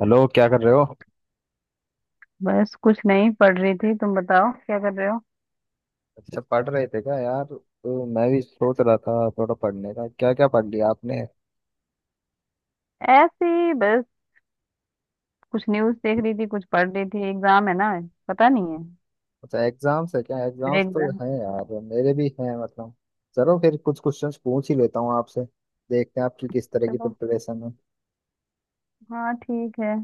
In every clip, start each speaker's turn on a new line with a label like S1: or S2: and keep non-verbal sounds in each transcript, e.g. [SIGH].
S1: Hello, क्या कर रहे हो?
S2: बस कुछ नहीं पढ़ रही थी। तुम बताओ क्या कर रहे हो?
S1: अच्छा, पढ़ रहे थे क्या यार? तो मैं भी सोच रहा था थोड़ा पढ़ने का। क्या क्या पढ़ लिया आपने?
S2: ऐसे ही बस। कुछ न्यूज़ देख रही थी, कुछ पढ़ रही थी। एग्जाम है ना। पता नहीं है।
S1: अच्छा, एग्जाम्स है क्या?
S2: मेरे
S1: एग्जाम्स तो
S2: एग्जाम।
S1: हैं यार, मेरे भी हैं मतलब। चलो फिर कुछ क्वेश्चंस पूछ ही लेता हूँ आपसे। देखते हैं आपकी किस तरह की
S2: चलो।
S1: प्रिपरेशन है।
S2: हाँ ठीक है,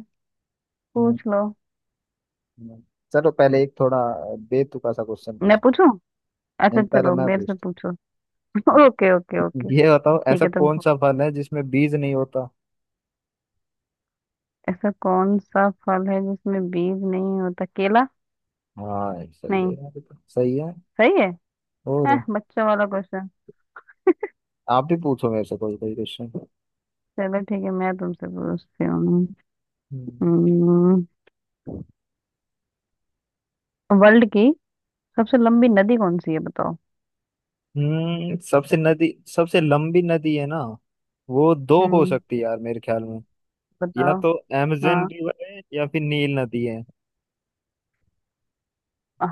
S1: हम्म।
S2: पूछ लो।
S1: हम्म। चलो, पहले एक थोड़ा बेतुका सा क्वेश्चन
S2: मैं
S1: पूछ
S2: पूछूं? अच्छा
S1: पहले
S2: चलो,
S1: मैं
S2: मेरे से
S1: पूछता
S2: पूछो। [LAUGHS]
S1: हूँ।
S2: Okay okay okay.
S1: ये बताओ,
S2: ठीक
S1: ऐसा
S2: है।
S1: कौन सा फल है जिसमें बीज नहीं होता?
S2: ऐसा कौन सा फल है जिसमें बीज नहीं होता? केला।
S1: हाँ सही है
S2: नहीं,
S1: यार, ये तो सही है।
S2: सही है।
S1: और।
S2: बच्चों वाला क्वेश्चन।
S1: आप भी पूछो मेरे से कोई कोई क्वेश्चन।
S2: चलो ठीक है, मैं तुमसे पूछती हूँ। हम्म, वर्ल्ड की सबसे लंबी नदी कौन सी है बताओ।
S1: हम्म सबसे नदी सबसे लंबी नदी है ना? वो दो हो
S2: हम्म।
S1: सकती है यार मेरे ख्याल में। या
S2: बताओ।
S1: तो अमेजन
S2: हाँ
S1: रिवर है या फिर नील नदी है।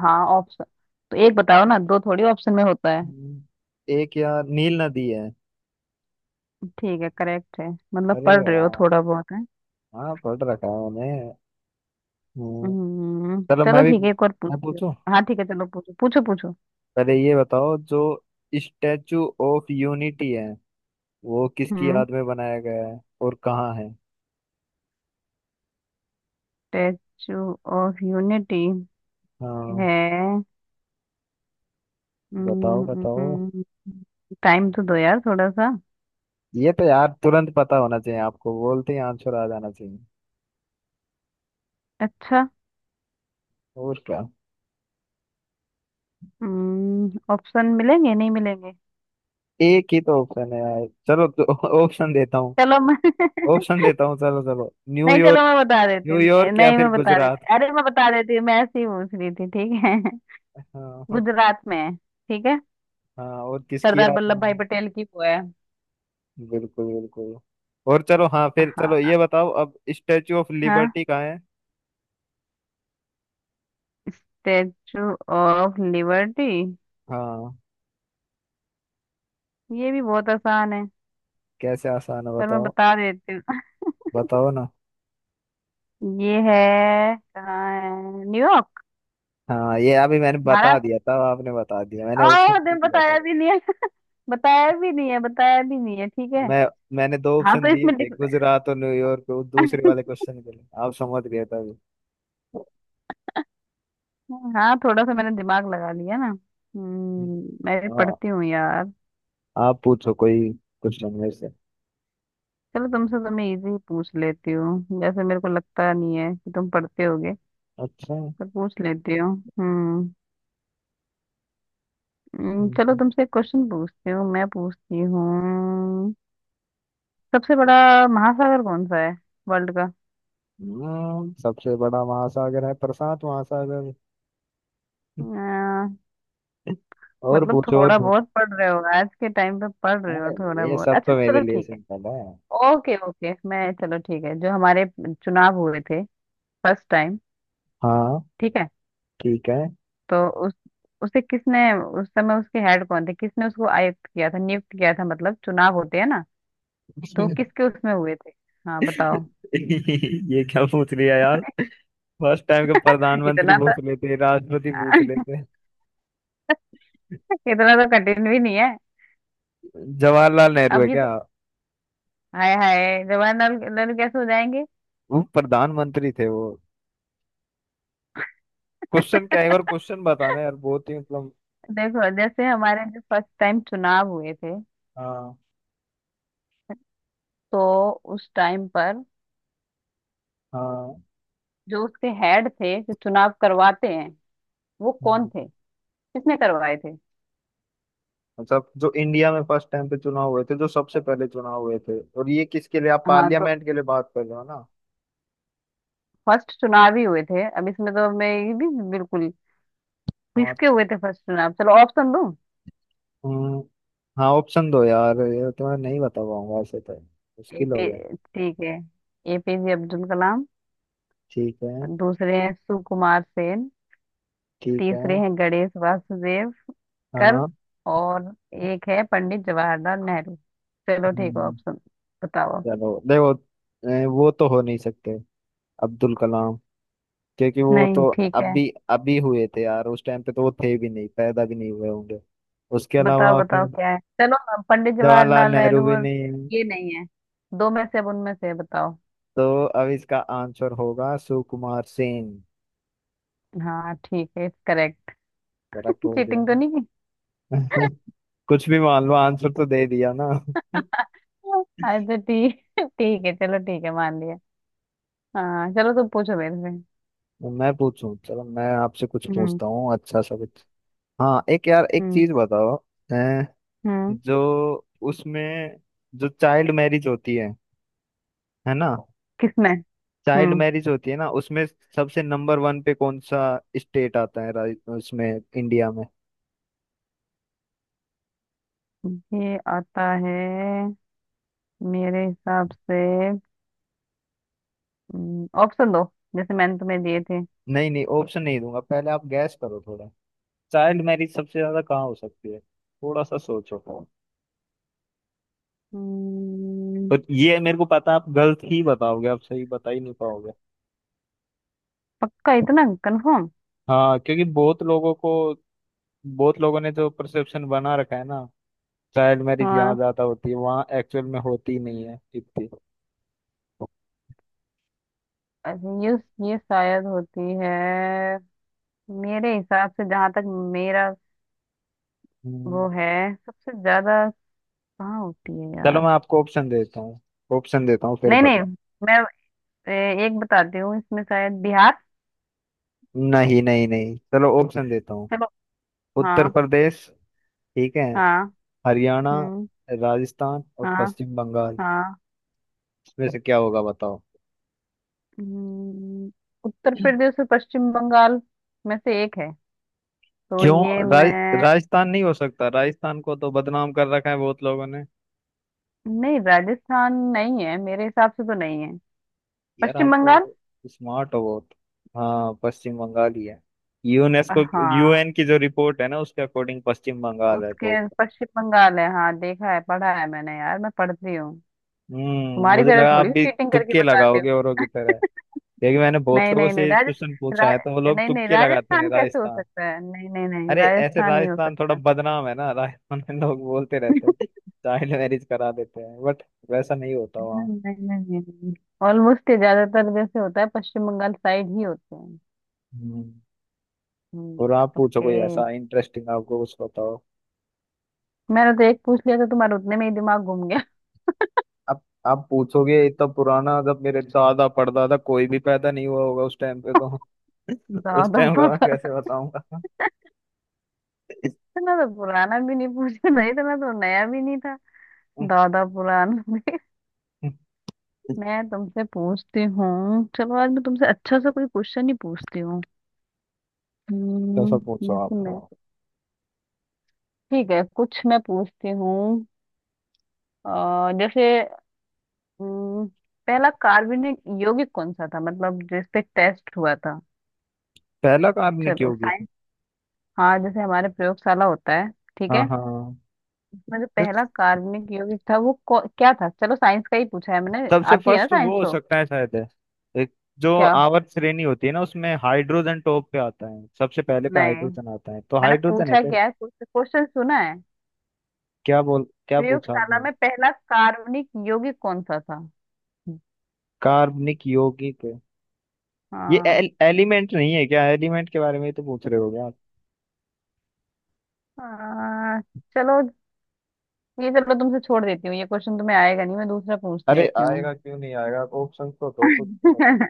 S2: हाँ, ऑप्शन तो एक बताओ ना, दो थोड़ी ऑप्शन में होता है।
S1: हम्म, एक यार, नील नदी है।
S2: ठीक है, करेक्ट है। मतलब
S1: अरे
S2: पढ़ रहे हो
S1: वाह!
S2: थोड़ा बहुत है।
S1: हाँ, पढ़ रखा है मैंने। हम्म,
S2: हम्म,
S1: चलो
S2: चलो
S1: मैं भी,
S2: ठीक है, एक और
S1: मैं
S2: पूछती हूँ।
S1: पूछूं।
S2: हाँ ठीक है, चलो पूछो पूछो पूछो।
S1: पहले ये बताओ, जो स्टैचू ऑफ यूनिटी है वो किसकी
S2: हम्म,
S1: याद में बनाया गया है और कहाँ है?
S2: स्टेचू ऑफ यूनिटी
S1: हाँ,
S2: है।
S1: बताओ बताओ।
S2: टाइम तो दो यार थोड़ा सा।
S1: ये तो यार तुरंत पता होना चाहिए, आपको बोलते ही आंसर आ जाना चाहिए।
S2: अच्छा।
S1: और क्या।
S2: ऑप्शन मिलेंगे नहीं मिलेंगे?
S1: एक ही तो ऑप्शन है यार, चलो तो [LAUGHS] ऑप्शन देता हूँ।
S2: चलो मैं [LAUGHS]
S1: ऑप्शन देता हूँ, चलो चलो,
S2: नहीं चलो
S1: न्यूयॉर्क।
S2: मैं बता देती हूँ।
S1: न्यूयॉर्क या
S2: नहीं मैं
S1: फिर
S2: बता
S1: गुजरात।
S2: देती, अरे मैं बता देती हूँ। मैं ऐसे ही पूछ रही थी ठीक है।
S1: हाँ।
S2: गुजरात में है ठीक है।
S1: हाँ, और किसकी
S2: सरदार
S1: याद है?
S2: वल्लभ भाई पटेल की वो है।
S1: बिल्कुल बिल्कुल। और चलो हाँ, फिर चलो
S2: हाँ।
S1: ये बताओ अब, स्टेचू ऑफ
S2: हाँ,
S1: लिबर्टी कहाँ है?
S2: Statue of Liberty.
S1: हाँ,
S2: ये भी बहुत आसान है।
S1: कैसे आसान है,
S2: पर मैं
S1: बताओ?
S2: बता देती
S1: बताओ ना।
S2: हूँ [LAUGHS] ये है, कहाँ है? न्यूयॉर्क।
S1: हाँ, ये अभी मैंने बता
S2: महाराष्ट्र।
S1: दिया था, आपने बता दिया, मैंने
S2: ओ,
S1: ऑप्शन
S2: तुमने
S1: दे दिया था।
S2: बताया भी नहीं है [LAUGHS] बताया भी नहीं है, बताया भी नहीं है ठीक है।
S1: मैं मैंने दो
S2: हाँ
S1: ऑप्शन
S2: तो
S1: दिए
S2: इसमें
S1: थे, गुजरात और न्यूयॉर्क, वो दूसरे
S2: [LAUGHS]
S1: वाले क्वेश्चन के लिए आप समझ गए थे अभी।
S2: हाँ थोड़ा सा मैंने दिमाग लगा लिया ना। हम्म, मैं भी
S1: हाँ।
S2: पढ़ती हूँ यार।
S1: आप पूछो कोई क्वेश्चन में से।
S2: चलो तुमसे तो मैं इजी पूछ लेती हूँ, जैसे मेरे को लगता नहीं है कि तुम पढ़ते हो
S1: अच्छा।
S2: तो पूछ लेती हो। हम्म। चलो
S1: हम्म,
S2: तुमसे एक क्वेश्चन पूछती हूँ, मैं पूछती हूँ। सबसे बड़ा महासागर कौन सा है, वर्ल्ड का?
S1: सबसे बड़ा महासागर है प्रशांत महासागर। [LAUGHS]
S2: अ,
S1: और
S2: मतलब
S1: पूछो, और
S2: थोड़ा
S1: पूछो।
S2: बहुत पढ़ रहे हो, आज के टाइम पे पढ़ रहे हो
S1: अरे,
S2: थोड़ा
S1: ये
S2: बहुत।
S1: सब
S2: अच्छा
S1: तो मेरे
S2: चलो
S1: लिए
S2: ठीक है।
S1: सिंपल है।
S2: ओके ओके मैं, चलो ठीक है, जो हमारे चुनाव हुए थे फर्स्ट टाइम,
S1: हाँ,
S2: ठीक है?
S1: ठीक है।
S2: तो उस, उसे किसने, उस समय उसके हेड कौन थे, किसने उसको आयुक्त किया था, नियुक्त किया था, मतलब चुनाव होते हैं ना, तो
S1: [LAUGHS]
S2: किसके उसमें हुए थे? हाँ बताओ।
S1: ये क्या पूछ लिया यार! फर्स्ट टाइम के
S2: [LAUGHS]
S1: प्रधानमंत्री
S2: इतना,
S1: पूछ लेते, राष्ट्रपति पूछ लेते।
S2: इतना तो कठिन भी नहीं है।
S1: जवाहरलाल नेहरू है
S2: अभी तो
S1: क्या?
S2: हाय हाय, जवाहरलाल नेहरू कैसे हो जाएंगे।
S1: वो प्रधानमंत्री थे वो। क्वेश्चन क्या है, और क्वेश्चन बताना यार, बहुत ही मतलब।
S2: देखो जैसे हमारे जो फर्स्ट टाइम चुनाव हुए थे,
S1: हाँ
S2: तो उस टाइम पर
S1: हाँ।
S2: जो उसके हेड थे, जो चुनाव करवाते हैं, वो कौन थे, किसने करवाए थे?
S1: मतलब जो इंडिया में फर्स्ट टाइम पे चुनाव हुए थे, जो सबसे पहले चुनाव हुए थे, और ये किसके लिए, आप
S2: हाँ तो
S1: पार्लियामेंट के लिए बात कर रहे हो ना?
S2: फर्स्ट चुनाव ही हुए थे। अब इसमें तो मैं ये भी बिल्कुल,
S1: हाँ।
S2: किसके हुए थे फर्स्ट चुनाव, चलो ऑप्शन दूं।
S1: हम्म, हाँ ऑप्शन दो यार, ये तो मैं नहीं बता पाऊंगा, ऐसे तो मुश्किल हो
S2: एपी,
S1: गया।
S2: ठीक है, एपीजे अब्दुल कलाम।
S1: ठीक है।
S2: दूसरे हैं सुकुमार सेन।
S1: ठीक है।
S2: तीसरे हैं गणेश वासुदेव कर।
S1: हाँ।
S2: और एक है पंडित जवाहरलाल नेहरू। चलो ठीक है
S1: हम्म,
S2: ऑप्शन बताओ।
S1: चलो देखो। वो तो हो नहीं सकते अब्दुल कलाम, क्योंकि वो
S2: नहीं
S1: तो
S2: ठीक है,
S1: अभी अभी हुए थे यार, उस टाइम पे तो वो थे भी नहीं, पैदा भी नहीं हुए होंगे। उसके
S2: बताओ
S1: अलावा
S2: बताओ
S1: फिर
S2: क्या है, चलो अब पंडित
S1: जवाहरलाल
S2: जवाहरलाल
S1: नेहरू
S2: नेहरू
S1: भी
S2: और
S1: नहीं है,
S2: ये नहीं है, दो में से अब उनमें से बताओ।
S1: तो अब इसका आंसर होगा सुकुमार सेन।
S2: हाँ ठीक है, करेक्ट।
S1: करेक्ट बोल दिया।
S2: चीटिंग तो नहीं की?
S1: ना।
S2: [LAUGHS]
S1: [LAUGHS] कुछ भी मान लो, आंसर तो दे दिया ना। [LAUGHS]
S2: अच्छा ठीक, ठीक है चलो, ठीक है मान लिया। हाँ चलो, तुम पूछो मेरे से।
S1: मैं पूछूं, चलो मैं आपसे कुछ
S2: हम्म।
S1: पूछता हूँ, अच्छा सा कुछ। हाँ एक यार, एक
S2: हम्म।
S1: चीज बताओ। अ,
S2: हम्म,
S1: जो उसमें, जो चाइल्ड मैरिज होती है ना?
S2: किसमें?
S1: चाइल्ड
S2: हम्म,
S1: मैरिज होती है ना उसमें, सबसे नंबर वन पे कौन सा स्टेट आता है, उसमें, इंडिया में?
S2: ये आता है मेरे हिसाब से। ऑप्शन दो जैसे मैंने तुम्हें दिए थे।
S1: नहीं नहीं, ऑप्शन नहीं दूंगा, पहले आप गैस करो थोड़ा। चाइल्ड मैरिज सबसे ज्यादा कहाँ हो सकती है, थोड़ा सा सोचो।
S2: हम्म,
S1: और ये मेरे को पता है, आप गलत ही बताओगे, आप सही बता ही नहीं पाओगे।
S2: पक्का इतना कंफर्म?
S1: हाँ, क्योंकि बहुत लोगों ने जो परसेप्शन बना रखा है ना, चाइल्ड मैरिज यहाँ
S2: हाँ।
S1: ज्यादा होती है, वहाँ एक्चुअल में होती नहीं है इतनी।
S2: अच्छा, ये शायद होती है मेरे हिसाब से, जहां तक मेरा
S1: हम्म,
S2: वो है, सबसे ज्यादा कहाँ होती है
S1: चलो
S2: यार?
S1: मैं आपको ऑप्शन देता हूँ, ऑप्शन देता हूँ फिर
S2: नहीं नहीं,
S1: बताओ।
S2: मैं, एक बताती हूँ, इसमें शायद बिहार।
S1: नहीं नहीं नहीं, चलो ऑप्शन देता हूँ।
S2: चलो।
S1: उत्तर
S2: हाँ।
S1: प्रदेश, ठीक है,
S2: हाँ।
S1: हरियाणा,
S2: हम्म।
S1: राजस्थान और
S2: हाँ
S1: पश्चिम बंगाल।
S2: हाँ।
S1: इसमें से क्या होगा, बताओ?
S2: हम्म, उत्तर प्रदेश और पश्चिम बंगाल में से एक है, तो ये
S1: क्यों,
S2: मैं,
S1: राजस्थान नहीं हो सकता? राजस्थान को तो बदनाम कर रखा है बहुत लोगों ने।
S2: नहीं राजस्थान नहीं है मेरे हिसाब से तो नहीं है,
S1: यार
S2: पश्चिम
S1: आप
S2: बंगाल।
S1: तो स्मार्ट हो बहुत। हाँ, पश्चिम बंगाल ही है। यूनेस्को,
S2: हाँ
S1: यूएन की जो रिपोर्ट है ना, उसके अकॉर्डिंग पश्चिम बंगाल है
S2: उसके
S1: टॉप।
S2: पश्चिम बंगाल है, हाँ देखा है, पढ़ा है मैंने यार, मैं पढ़ती हूँ तुम्हारी
S1: मुझे
S2: तरह
S1: लगा आप
S2: थोड़ी
S1: भी
S2: चीटिंग करके
S1: तुक्के
S2: बताती हूँ।
S1: लगाओगे औरों की तरह, क्योंकि मैंने बहुत
S2: नहीं
S1: लोगों
S2: नहीं नहीं,
S1: से क्वेश्चन पूछा
S2: रा,
S1: है तो वो लोग
S2: नहीं नहीं
S1: तुक्के लगाते हैं,
S2: राजस्थान कैसे हो
S1: राजस्थान।
S2: सकता है, नहीं नहीं नहीं
S1: अरे ऐसे
S2: राजस्थान नहीं हो
S1: राजस्थान थोड़ा
S2: सकता।
S1: बदनाम है ना, राजस्थान में लोग बोलते रहते
S2: [LAUGHS]
S1: हैं, [LAUGHS] चाइल्ड मैरिज करा देते हैं, बट वैसा नहीं होता वहाँ।
S2: नहीं नहीं नहीं, ऑलमोस्ट ये ज्यादातर जैसे होता है पश्चिम बंगाल साइड ही होते हैं।
S1: हम्म।
S2: हम्म।
S1: और आप पूछो
S2: ओके।
S1: कोई ऐसा इंटरेस्टिंग, आपको कुछ बताओ।
S2: मैंने तो एक पूछ लिया था, तुम्हारे उतने में ही दिमाग घूम गया।
S1: आप पूछोगे इतना पुराना, जब मेरे दादा परदादा कोई भी पैदा नहीं हुआ होगा उस टाइम पे तो
S2: [LAUGHS]
S1: [LAUGHS] उस
S2: ज्यादा
S1: टाइम का मैं
S2: पता।
S1: कैसे बताऊंगा? [LAUGHS]
S2: इतना तो पुराना भी नहीं पूछा था, इतना तो नया भी नहीं था। दादा पुराना भी। मैं तुमसे पूछती हूँ, चलो आज मैं तुमसे अच्छा सा कोई क्वेश्चन ही पूछती हूँ।
S1: तो
S2: हम्म,
S1: सब पूछो
S2: जैसे
S1: आप।
S2: मैं, ठीक है कुछ मैं पूछती हूँ। जैसे, हम्म, पहला कार्बनिक यौगिक कौन सा था, मतलब जिस पे टेस्ट हुआ था।
S1: पहला काम ने की
S2: चलो
S1: होगी थी।
S2: साइंस। हाँ जैसे हमारे प्रयोगशाला होता है, ठीक
S1: हाँ
S2: है,
S1: हाँ।
S2: उसमें जो
S1: देख,
S2: पहला कार्बनिक यौगिक था वो क्या था। चलो साइंस का ही पूछा है मैंने,
S1: सबसे
S2: आती है ना
S1: फर्स्ट
S2: साइंस
S1: वो हो
S2: तो।
S1: सकता है शायद, है एक जो
S2: क्या?
S1: आवर्त श्रेणी होती है ना, उसमें हाइड्रोजन टॉप पे आता है, सबसे पहले पे
S2: नहीं
S1: हाइड्रोजन आता है, तो
S2: मैंने
S1: हाइड्रोजन है
S2: पूछा
S1: क्या?
S2: क्या है, कुछ क्वेश्चन सुना है?
S1: क्या बोल क्या पूछा
S2: प्रयोगशाला
S1: आपने?
S2: में पहला कार्बनिक यौगिक कौन सा था?
S1: कार्बनिक यौगिक। ये
S2: हाँ।
S1: एलिमेंट नहीं है क्या, एलिमेंट के बारे में ही तो पूछ रहे हो क्या आप?
S2: आ, चलो, ये चलो तुमसे छोड़ देती हूँ, ये क्वेश्चन तुम्हें आएगा नहीं, मैं दूसरा पूछ
S1: अरे
S2: लेती
S1: आएगा,
S2: हूँ।
S1: क्यों नहीं आएगा? ऑप्शन तो दो, कुछ तो
S2: [LAUGHS]
S1: होता।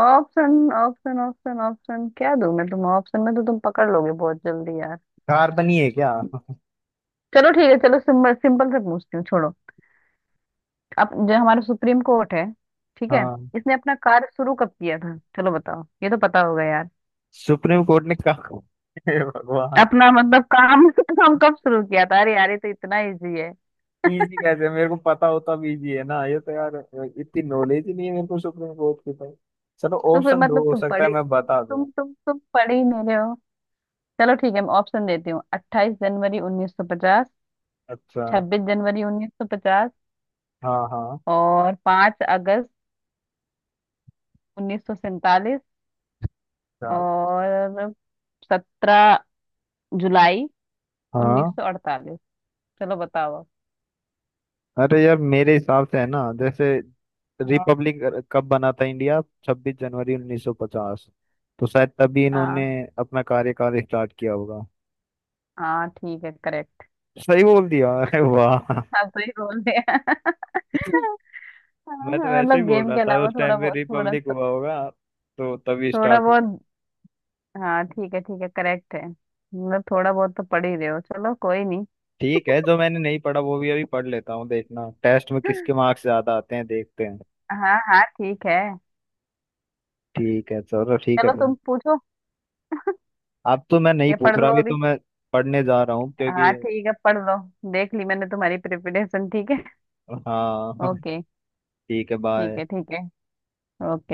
S2: ऑप्शन ऑप्शन ऑप्शन ऑप्शन क्या दूँ मैं, तुम ऑप्शन में तो तुम पकड़ लोगे बहुत जल्दी यार।
S1: कार्बन ही है क्या?
S2: चलो ठीक है, चलो सिंपल सिंपल से पूछती हूँ, छोड़ो। अब जो हमारा सुप्रीम कोर्ट है, ठीक है,
S1: हाँ।
S2: इसने अपना कार्य शुरू कब किया था? चलो बताओ ये तो पता होगा।
S1: सुप्रीम कोर्ट ने कहा [LAUGHS] हे भगवान।
S2: अपना मतलब काम [LAUGHS] काम कब शुरू किया था? अरे यार ये तो इतना इजी है।
S1: इजी कैसे, मेरे को पता होता भी इजी है ना, ये तो यार। इतनी नॉलेज ही नहीं है मेरे को सुप्रीम कोर्ट की तो। चलो
S2: तो फिर
S1: ऑप्शन दो,
S2: मतलब
S1: हो
S2: तुम
S1: सकता है
S2: पढ़े,
S1: मैं
S2: तुम
S1: बता
S2: तुम
S1: दूं।
S2: तुम तुम पढ़ ही नहीं रहे हो। चलो ठीक है मैं ऑप्शन देती हूँ। 28 जनवरी 1950,
S1: अच्छा।
S2: 26 जनवरी 1950,
S1: हाँ हाँ।
S2: और 5 अगस्त 1947,
S1: क्या?
S2: और सत्रह जुलाई उन्नीस
S1: हाँ।
S2: सौ अड़तालीस चलो बताओ अब।
S1: अरे यार मेरे हिसाब से है ना, जैसे
S2: हाँ
S1: रिपब्लिक कब बना था इंडिया? छब्बीस जनवरी 1950। तो शायद तभी इन्होंने
S2: हाँ
S1: अपना कार्यकाल स्टार्ट किया होगा।
S2: हाँ ठीक है करेक्ट,
S1: सही बोल दिया, अरे वाह! [LAUGHS]
S2: आप सही बोल रहे हैं [LAUGHS]
S1: मैं तो
S2: हाँ,
S1: वैसे ही
S2: मतलब
S1: बोल
S2: गेम
S1: रहा
S2: के
S1: था,
S2: अलावा
S1: उस
S2: थोड़ा
S1: टाइम पे
S2: बहुत, थोड़ा,
S1: रिपब्लिक हुआ होगा, तो तभी
S2: थोड़ा
S1: स्टार्ट हुआ।
S2: बहुत। हाँ ठीक है, ठीक है करेक्ट है, मतलब थोड़ा बहुत तो पढ़ ही रहे हो, चलो कोई नहीं।
S1: ठीक है, जो मैंने नहीं पढ़ा वो भी अभी पढ़ लेता हूँ, देखना टेस्ट में किसके मार्क्स ज्यादा आते हैं, देखते हैं।
S2: हाँ हाँ ठीक है।
S1: ठीक है, चलो ठीक है।
S2: चलो तुम पूछो,
S1: अब तो मैं नहीं
S2: या पढ़
S1: पूछ रहा,
S2: लो
S1: अभी तो
S2: अभी।
S1: मैं पढ़ने जा रहा हूँ, क्योंकि
S2: हाँ ठीक है, पढ़ लो। देख ली मैंने तुम्हारी प्रिपरेशन, ठीक है।
S1: हाँ।
S2: ओके।
S1: [LAUGHS] ठीक है,
S2: ठीक
S1: बाय।
S2: है ठीक है। ओके।